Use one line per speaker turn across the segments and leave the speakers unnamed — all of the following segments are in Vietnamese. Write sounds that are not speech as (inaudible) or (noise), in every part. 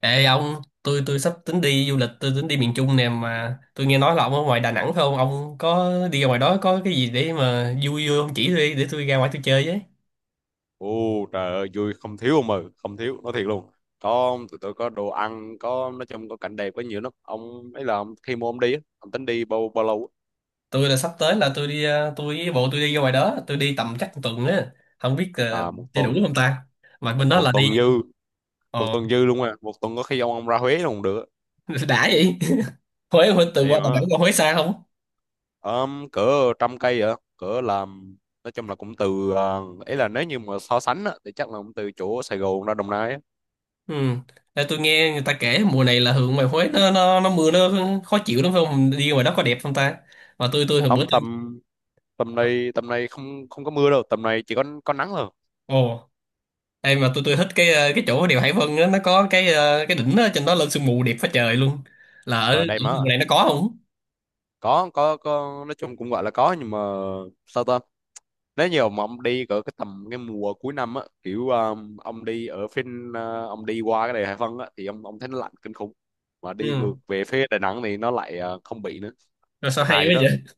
Ê ông, tôi sắp tính đi du lịch, tôi tính đi miền Trung nè mà tôi nghe nói là ông ở ngoài Đà Nẵng phải không? Ông có đi ra ngoài đó có cái gì để mà vui vui ông chỉ tôi đi để tôi ra ngoài tôi chơi với.
Ồ Trời ơi, vui không thiếu ông mừ, không thiếu, nói thiệt luôn. Có, tụi tôi có đồ ăn, có, nói chung có cảnh đẹp, có nhiều lắm ông. Ấy là ông, khi mà ông đi á, ông tính đi bao bao lâu á?
Tôi là sắp tới là tôi đi tôi với bộ tôi đi ra ngoài đó, tôi đi tầm chắc một tuần á, không biết
À, một
chơi đủ
tuần.
không ta. Mà bên đó là
Một
đi
tuần dư. Một
ờ
tuần dư luôn. À, một tuần có khi ông ra Huế luôn cũng được.
(laughs) đã vậy. (laughs) Huế Huế từ
Vậy
qua Đà
mà
Nẵng qua Huế xa không?
cỡ trăm cây vậy, cỡ làm, nói chung là cũng từ ấy là nếu như mà so sánh á, thì chắc là cũng từ chỗ Sài Gòn ra Đồng Nai á.
Ừ. Ê, tôi nghe người ta kể mùa này là hướng ngoài Huế nó mưa nó khó chịu lắm phải không? Đi ngoài đó có đẹp không ta? Mà tôi hồi
Không,
bữa tôi.
tầm tầm này, tầm này không không có mưa đâu, tầm này chỉ có nắng thôi.
Ồ. Ê mà tôi thích cái cái chỗ đèo Hải Vân á, nó có cái cái đỉnh đó, trên đó lên sương mù đẹp phá trời luôn. Là ở
Ở
ở
đây
vùng
mà
này nó có không?
có, nói chung cũng gọi là có nhưng mà sao ta, nếu nhiều mà ông đi cỡ cái tầm cái mùa cuối năm á, kiểu ông đi ở phía ông đi qua cái đèo Hải Vân á thì ông thấy nó lạnh kinh khủng, mà đi
Ừ.
ngược về phía Đà Nẵng thì nó lại không bị nữa.
Rồi sao
Nó hài
hay
vậy
quá
đó.
vậy?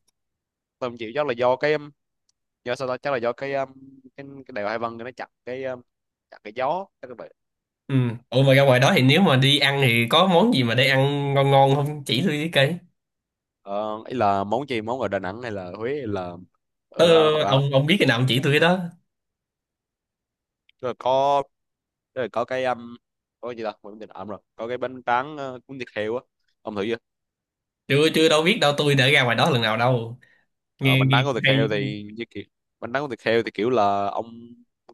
Tôi không chịu, chắc là do cái do sao ta, chắc là do cái đèo Hải Vân nó chặn cái gió, chắc là vậy.
Ừ. Ủa mà ra ngoài đó thì nếu mà đi ăn thì có món gì mà để ăn ngon ngon không? Chỉ tôi với cây.
Ờ, ý là món gì, món ở Đà Nẵng hay là Huế hay là
Ờ,
ở Hội An?
ông biết cái nào ông chỉ tôi cái đó.
Rồi có, rồi có cái gì ta, quên mất ẩm rồi, có cái bánh tráng cuốn thịt heo á, ông thử chưa?
Chưa chưa đâu biết đâu tôi đã ra ngoài đó lần nào đâu.
Ờ,
Nghe
bánh
nghe
tráng cuốn
cũng
thịt
hay
heo
chứ.
thì như kiểu, bánh tráng cuốn thịt heo thì kiểu là ông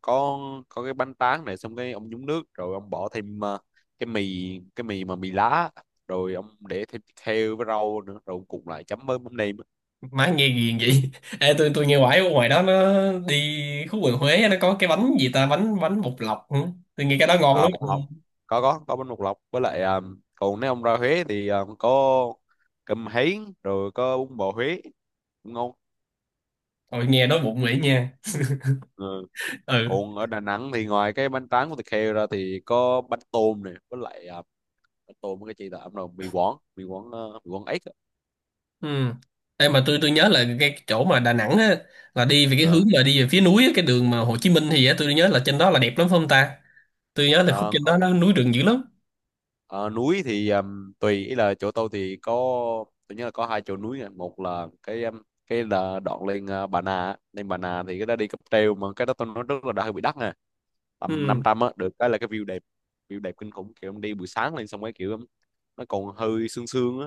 có có, cái bánh tráng này xong cái ông nhúng nước, rồi ông bỏ thêm cái mì, cái mì mà mì lá, rồi ông để thêm thịt heo với rau nữa, rồi ông cùng lại chấm với mắm nêm á.
Má nghe ghiền vậy. (laughs) Ê tôi nghe hoài ở ngoài đó nó đi khu vườn Huế á, nó có cái bánh gì ta, bánh bánh bột lọc hả? Tôi nghe cái đó ngon
À,
lắm.
bột lọc, có bánh bột lọc với lại còn nếu ông ra Huế thì có cơm hến rồi có bún bò Huế, cũng ngon.
Thôi nghe đói bụng vậy nha.
Ờ.
Ừ.
Còn ở Đà Nẵng thì ngoài cái bánh tráng của thịt heo ra thì có bánh tôm này, với lại bánh tôm với cái chi là ẩm rồi, mì Quảng ếch á.
Ừ. Ê, mà tôi nhớ là cái chỗ mà Đà Nẵng á, là đi về cái hướng
Ờ,
mà đi về phía núi á, cái đường mà Hồ Chí Minh thì á, tôi nhớ là trên đó là đẹp lắm phải không ta? Tôi nhớ là khúc
ờ,
trên đó nó núi rừng dữ lắm.
núi thì tùy, ý là chỗ tôi thì có, tôi nhớ là có hai chỗ núi nè. Một là cái là đoạn lên Bà Nà á. Lên Bà Nà thì cái đó đi cáp treo, mà cái đó tôi nói rất là đã, hơi bị đắt nè, tầm năm
Ừ.
trăm á, được cái là cái view đẹp, view đẹp kinh khủng, kiểu em đi buổi sáng lên, xong cái kiểu nó còn hơi sương sương á,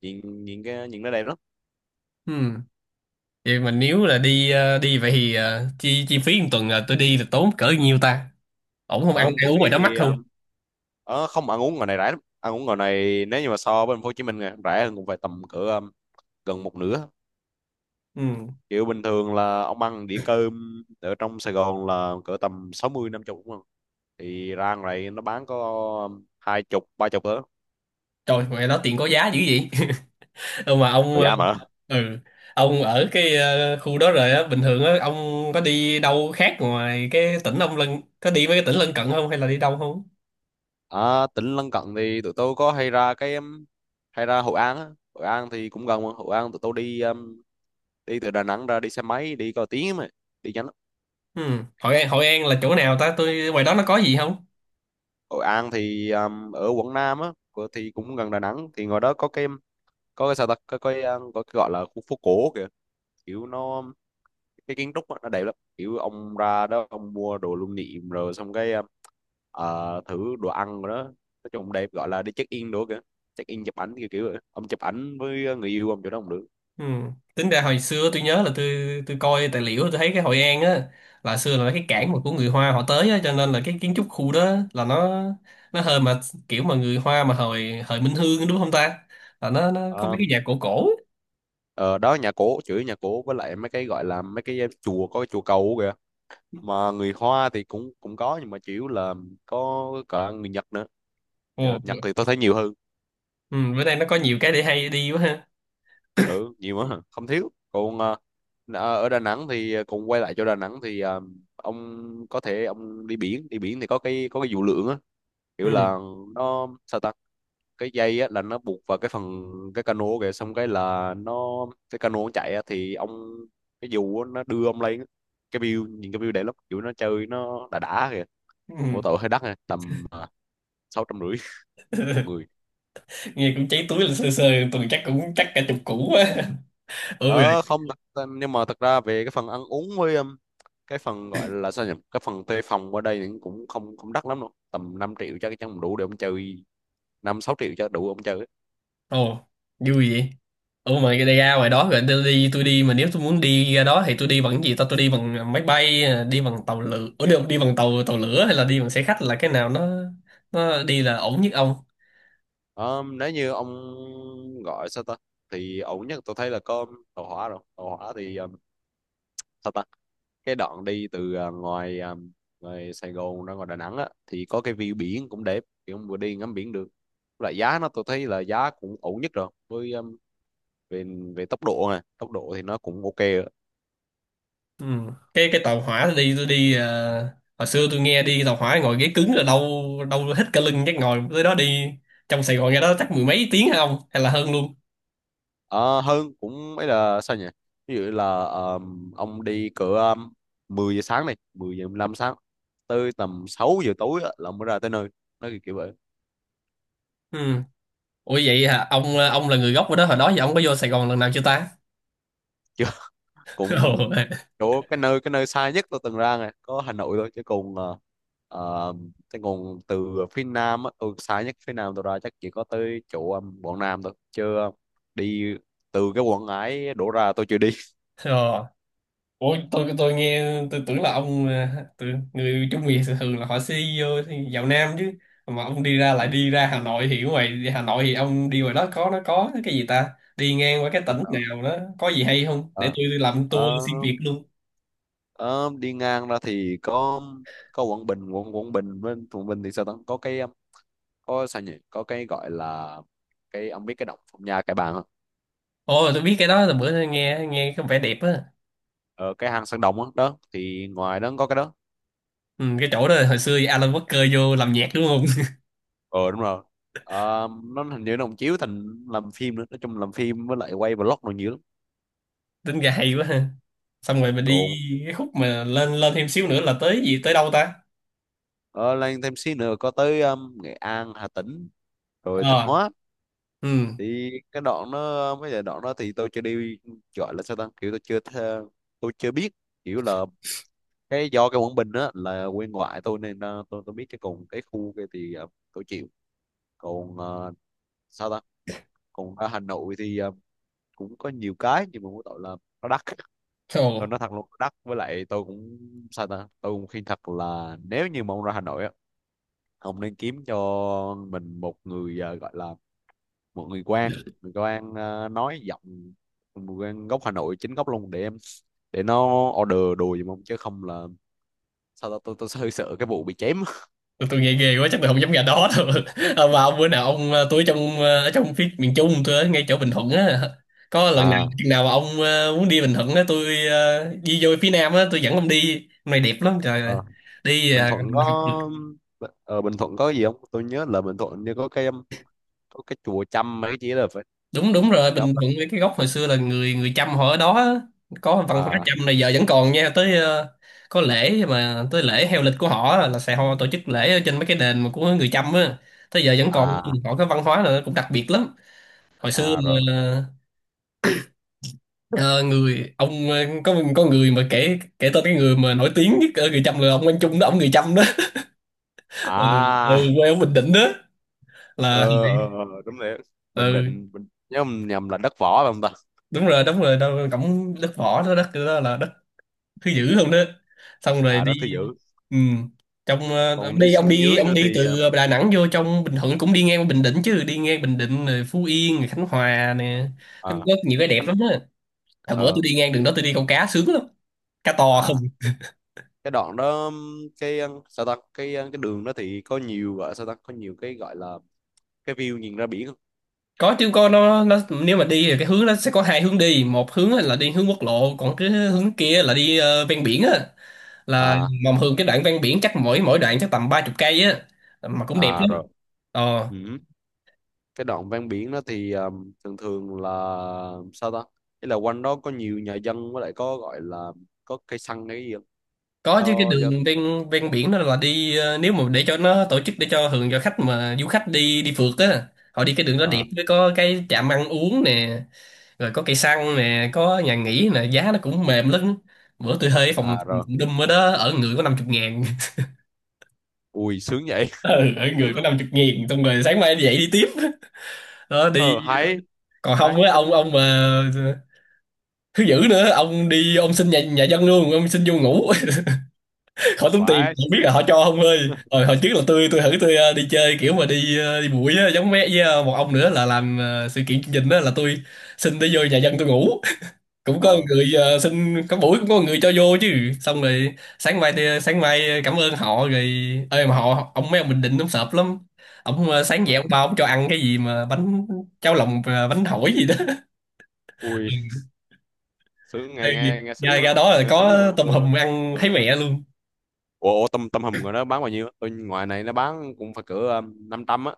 nhìn nhìn cái nhìn nó đẹp lắm.
Ừ. Vậy mà nếu là đi đi vậy thì chi chi phí một tuần là tôi đi là tốn cỡ nhiêu ta? Ổn không ăn
Ờ, chi
ăn uống
phí
ngoài đó mắc
thì,
không?
Ờ, không, ăn uống ngoài này rẻ lắm, ăn uống ngoài này nếu như mà so với thành phố Hồ Chí Minh này, rẻ hơn cũng phải tầm cỡ gần một nửa.
Ừ.
Kiểu bình thường là ông ăn đĩa cơm ở trong Sài Gòn là cỡ tầm 60 50 đúng không, thì ra ngoài này nó bán có hai chục ba chục nữa.
Trời ngoài đó tiền có giá dữ vậy. (laughs) Ừ, mà ông
Còn giá mà.
ừ, ông ở cái khu đó rồi á bình thường á ông có đi đâu khác ngoài cái tỉnh ông lân có đi mấy cái tỉnh lân cận không hay là đi đâu không?
À, tỉnh lân cận thì tụi tôi có hay ra cái hay ra Hội An á. Hội An thì cũng gần mà. Hội An tụi tôi đi đi từ Đà Nẵng ra đi xe máy đi có tiếng mà, đi nhanh lắm.
Ừ. Hội An là chỗ nào ta tôi ngoài đó nó có gì không.
Hội An thì ở quận Nam á thì cũng gần Đà Nẵng, thì ngoài đó có cái, sao ta, có có cái gọi là khu phố cổ kìa, kiểu nó cái kiến trúc á, nó đẹp lắm, kiểu ông ra đó ông mua đồ lưu niệm, rồi xong cái thử đồ ăn rồi đó, nói chung đẹp gọi là đi check in đồ kìa, check in chụp ảnh kiểu kiểu vậy. Ông chụp ảnh với người yêu ông chỗ đó cũng được.
Ừ. Tính ra hồi xưa tôi nhớ là tôi coi tài liệu tôi thấy cái Hội An á là xưa là cái
Ừ.
cảng mà của người Hoa họ tới á cho nên là cái kiến trúc khu đó là nó hơi mà kiểu mà người Hoa mà hồi hồi Minh Hương đúng không ta là nó có mấy
Ờ,
cái nhà cổ cổ á.
ờ, Đó, nhà cổ chửi nhà cổ với lại mấy cái gọi là mấy cái chùa, có cái chùa cầu kìa, mà người Hoa thì cũng cũng có nhưng mà chủ yếu là có cả người Nhật nữa.
Ừ.
Nhật thì tôi thấy nhiều hơn.
Ừ. Bữa nay nó có nhiều cái để hay đi quá ha.
Ừ, nhiều quá, không thiếu. Còn ở Đà Nẵng thì, còn quay lại cho Đà Nẵng thì ông có thể ông đi biển, đi biển thì có cái dù lượn á, kiểu
Ừ.
là nó sao ta, cái dây á là nó buộc vào cái phần cái cano kìa, xong cái là nó cái cano nó chạy á thì ông cái dù á, nó đưa ông lên á. Cái view nhìn cái view đẹp lắm, kiểu nó chơi nó đã kìa. Mỗi
Ừ.
tội hơi đắt nè, tầm 650 (laughs) một người.
Nghe cũng cháy túi là sơ sơ tuần chắc cũng chắc cả chục củ quá. (laughs) Ừ.
Ờ Không, thật, nhưng mà thật ra về cái phần ăn uống với cái phần gọi là sao nhỉ, cái phần thuê phòng ở đây thì cũng không không đắt lắm đâu, tầm 5 triệu chắc chắn đủ để ông chơi, năm sáu triệu cho đủ ông chơi ấy.
Ồ, vui vậy. Ủa mà cái ra ngoài đó rồi tôi đi mà nếu tôi muốn đi ra đó thì tôi đi bằng cái gì ta tôi đi bằng máy bay, đi bằng tàu lửa, Ủa, đi, đi bằng tàu tàu lửa hay là đi bằng xe khách là cái nào nó đi là ổn nhất ông?
Ờ, nếu như ông gọi sao ta, thì ổn nhất tôi thấy là có tàu hỏa, rồi tàu hỏa thì sao ta, cái đoạn đi từ ngoài Sài Gòn ra ngoài Đà Nẵng á thì có cái view biển cũng đẹp, thì ông vừa đi ngắm biển được, lại giá nó tôi thấy là giá cũng ổn nhất rồi, với về về tốc độ này, tốc độ thì nó cũng ok ạ.
Ừ. Cái tàu hỏa tôi đi hồi xưa tôi nghe đi tàu hỏa ngồi ghế cứng là đau đau hết cả lưng chắc ngồi tới đó đi trong Sài Gòn ra đó chắc mười mấy tiếng hả ông hay là hơn luôn.
Ờ, hơn cũng ấy là sao nhỉ, ví dụ là ông đi cỡ 10 giờ sáng này, 10 giờ 15 sáng, tới tầm 6 giờ tối á, là mới ra tới nơi, nó kiểu vậy.
Ừ. Ủa vậy hả? Ông là người gốc ở đó hồi đó giờ ông có vô Sài Gòn lần nào chưa ta?
Chứ (laughs)
(laughs)
cũng,
Ồ.
chỗ cái nơi xa nhất tôi từng ra này có Hà Nội thôi, chứ còn ờ, chứ còn từ phía Nam á, tôi xa nhất phía Nam tôi ra chắc chỉ có tới chỗ Quảng Nam thôi, chứ đi từ cái Quảng Ngãi đổ ra tôi chưa đi.
Ờ. Ủa tôi nghe tôi tưởng là ông à, tôi, người Trung Việt thường là họ xí vô vào Nam chứ mà ông đi ra lại đi
(laughs)
ra Hà Nội thì ở ngoài đi Hà Nội thì ông đi ngoài đó có nó có cái gì ta đi ngang qua cái tỉnh
Anh nào?
nào đó có gì hay không để tôi đi làm tour
Ờ,
xuyên Việt luôn.
ờ, Đi ngang ra thì có Quảng Bình, quận Quảng Bình với, Quảng Bình thì sao ta, có cái có sao nhỉ, có cái gọi là cái, ông biết cái động Phong Nha Kẻ Bàng không?
Ồ tôi biết cái đó là bữa tôi nghe nghe có vẻ đẹp á.
Ờ, cái hang Sơn Đồng đó, đó thì ngoài đó có cái đó.
Ừ, cái chỗ đó hồi xưa Alan Walker vô làm nhạc đúng không.
Ờ Đúng rồi. Ờ, nó hình như nó cũng chiếu thành làm phim nữa, nói chung làm phim với lại quay vlog rồi nhiều lắm.
(laughs) Tính ra hay quá ha xong rồi mình đi
Còn
cái khúc mà lên lên thêm xíu nữa là tới gì tới đâu ta.
ờ, lên thêm xí nữa có tới Nghệ An, Hà Tĩnh rồi Thanh
Ờ.
Hóa, thì cái đoạn đó, mấy cái đoạn đó thì tôi chưa đi, gọi là sao ta, kiểu tôi chưa biết, kiểu là do cái Quảng Bình á là quê ngoại tôi nên tôi biết cái, còn cái khu kia thì tôi chịu. Còn sao ta, còn ở Hà Nội thì cũng có nhiều cái nhưng mà mỗi tội là nó đắt,
Ừ.
tôi nói thật luôn nó đắt, với lại tôi cũng sao ta, tôi cũng khuyên thật là nếu như mà ông ra Hà Nội á, ông nên kiếm cho mình một người gọi là một người quan, nói giọng người quan gốc Hà Nội chính gốc luôn, để nó order đồ giùm ông chứ không là sao tao, tôi hơi sợ cái vụ bị chém.
Tôi nghe ghê quá chắc tôi không dám ra đó đâu. (laughs) À, mà ông bữa nào ông tôi ở trong ở trong phía miền Trung tôi ở ngay chỗ Bình Thuận á có lần nào
À,
chừng nào mà ông muốn đi Bình Thuận á tôi đi vô phía Nam á tôi dẫn ông đi hôm nay đẹp lắm trời ơi.
ờ,
Đi
Bình Thuận
mình học được
có, ờ, Bình Thuận có gì không, tôi nhớ là Bình Thuận như có cái chùa Chăm mấy cái gì là phải.
đúng đúng rồi Bình
Đó.
Thuận với cái gốc hồi xưa là người người Chăm họ ở đó á. Có văn hóa
À.
Chăm này giờ vẫn còn nha tới có lễ mà tới lễ heo lịch của họ á, là sẽ họ tổ chức lễ ở trên mấy cái đền mà của người Chăm á tới giờ vẫn còn
À.
họ có văn hóa là cũng đặc biệt lắm hồi xưa
À rồi.
mà. Ờ, người ông có người mà kể kể tên cái người mà nổi tiếng nhất ở người Chăm là ông Quang Trung đó ông người Chăm đó. (laughs) Ừ, ừ,
À.
quê ở Bình Định đó là
Ờ. Đúng rồi, Bình
ừ
Định, Bình... nhớ không nhầm là đất võ phải không ta?
đúng rồi đâu cổng đất võ đó đất đó là đất thứ dữ không đó xong rồi
À,
đi.
đất thứ dữ.
Ừ. Trong
Còn
ông
đi
đi
xuống dưới nữa
ông đi
thì
từ Đà Nẵng vô trong Bình Thuận cũng đi ngang qua Bình Định chứ đi ngang Bình Định rồi Phú Yên rồi Khánh Hòa nè. Nó
à,
có nhiều cái đẹp
Khánh.
lắm á hồi bữa tôi
Ờ.
đi ngang đường đó tôi đi câu cá sướng lắm cá to
À. Cái đoạn đó, cái sao ta, cái đường đó thì có nhiều, gọi sao ta, có nhiều cái gọi là cái view nhìn ra biển không?
có chứ con nó nếu mà đi thì cái hướng nó sẽ có hai hướng đi một hướng á là đi hướng quốc lộ còn cái hướng kia là đi ven biển á là
À.
mà thường cái đoạn ven biển chắc mỗi mỗi đoạn chắc tầm ba chục cây á mà cũng đẹp
À
lắm.
rồi.
Ờ
Ừ. Cái đoạn ven biển đó thì thường thường là sao ta, ý là quanh đó có nhiều nhà dân, với lại có gọi là có cây xăng hay cái gì không?
có chứ cái
Cho.
đường ven ven biển đó là đi nếu mà để cho nó tổ chức để cho thường cho khách mà du khách đi đi phượt á họ đi cái đường đó đẹp
À.
với có cái trạm ăn uống nè rồi có cây xăng nè có nhà nghỉ nè giá nó cũng mềm lắm bữa tôi thuê phòng
À rồi.
phòng đùm ở đó ở người có năm chục ngàn.
Ui, sướng vậy.
Ừ. Ở
(laughs) Đúng
người có
rồi.
năm chục nghìn xong rồi sáng mai dậy đi tiếp đó đi
Ờ, hay.
còn
Hay,
không á ông
tính
ông
tính.
mà thứ dữ nữa ông đi ông xin nhà nhà dân luôn ông xin vô ngủ. (laughs) Khỏi tốn tiền
Quá
không biết
sướng gì.
là họ cho không ơi rồi hồi trước là tôi thử tôi đi chơi kiểu mà đi đi bụi á giống mẹ với một ông nữa là làm sự kiện chương trình đó là tôi xin đi vô nhà dân tôi ngủ cũng có
ờ
người xin có buổi cũng có người cho vô chứ xong rồi sáng mai thì- sáng mai cảm ơn họ rồi ơi mà họ ông mấy ông Bình Định ông sợp lắm ông sáng
ờ
dậy ông bao ông cho ăn cái gì mà bánh cháo lòng bánh hỏi gì đó. (laughs)
Ui,
Ừ.
sướng,
Ê,
nghe nghe nghe sướng
nhà
quá,
ra đó là
nghe sướng gì mà
có tôm
ừ.
hùm ăn thấy
Ờ.
mẹ luôn.
Ủa, tôm tôm hùm rồi nó bán bao nhiêu, tôi ngoài này nó bán cũng phải cỡ 500 á.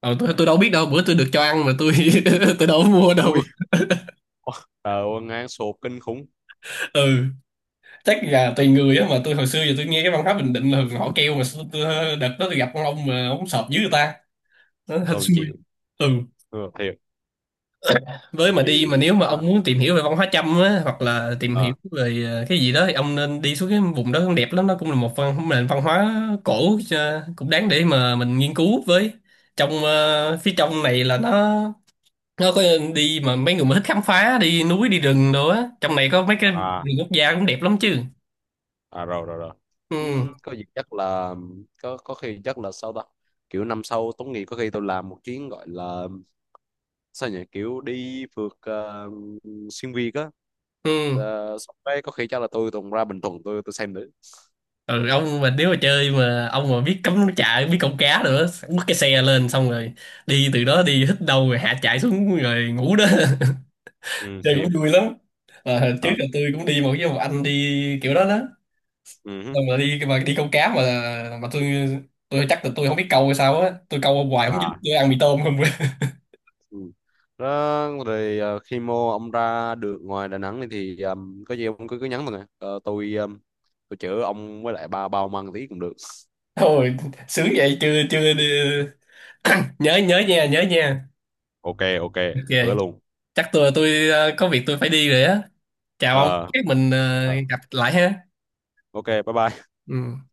Ờ, tôi đâu biết đâu bữa tôi được cho ăn mà tôi (laughs) tôi đâu có mua đâu.
Ui, ờ ngang sụp kinh khủng,
Ừ, chắc là tùy người á mà tôi hồi xưa giờ tôi nghe cái văn hóa Bình Định là thường họ kêu mà đợt đó tôi gặp con ông mà ông sợp dưới người ta nó hên
tôi không
xui.
chịu.
Ừ
Ừ, thiệt.
với
Tại
mà đi mà
vì
nếu mà ông muốn tìm hiểu về văn hóa Chăm á hoặc là tìm hiểu
ờ,
về cái gì đó thì ông nên đi xuống cái vùng đó cũng đẹp lắm nó cũng là một văn nền văn hóa cổ cũng đáng để mà mình nghiên cứu với trong phía trong này là nó có đi mà mấy người mà thích khám phá đi núi đi rừng đồ á trong này có mấy cái
à,
vườn quốc gia cũng đẹp lắm chứ.
à rồi. Rồi rồi
Ừ.
Ừ, có gì chắc là, có khi chắc là sao ta, kiểu năm sau tốt nghiệp có khi tôi làm một chuyến, gọi là sao nhỉ, kiểu đi phượt xuyên Việt á.
Ừ.
Ờ, xong đấy có khi chắc là tôi tuần ra Bình Thuận, tôi xem thử.
Ừ ông mà nếu mà chơi mà ông mà biết cắm trại biết câu cá nữa bắt cái xe lên xong rồi đi từ đó đi hít đâu rồi hạ chạy xuống rồi ngủ đó. (laughs)
Ừ,
Chơi
thiệt.
cũng vui lắm. À, trước
Thật.
là tôi cũng đi một với một anh đi kiểu đó đó
Ừ. Hứ.
xong rồi đi mà đi câu cá mà tôi chắc là tôi không biết câu hay sao á tôi câu hoài không dính
À.
tôi ăn mì tôm không. (laughs)
Ừ. Đó, rồi khi mô ông ra được ngoài Đà Nẵng này thì có gì ông cứ cứ nhắn mình à. Ờ, tôi chữa ông với lại ba bao măng tí cũng được.
Thôi sướng vậy chưa chưa đi... (clears throat) (coughs) nhớ nhớ nha nhớ nha.
Ok, ok.
Ok
Hứa luôn.
chắc tôi có việc tôi phải đi rồi á chào ông
ờ
chắc mình
ờ,
gặp lại ha.
ok, bye bye.
Ừ.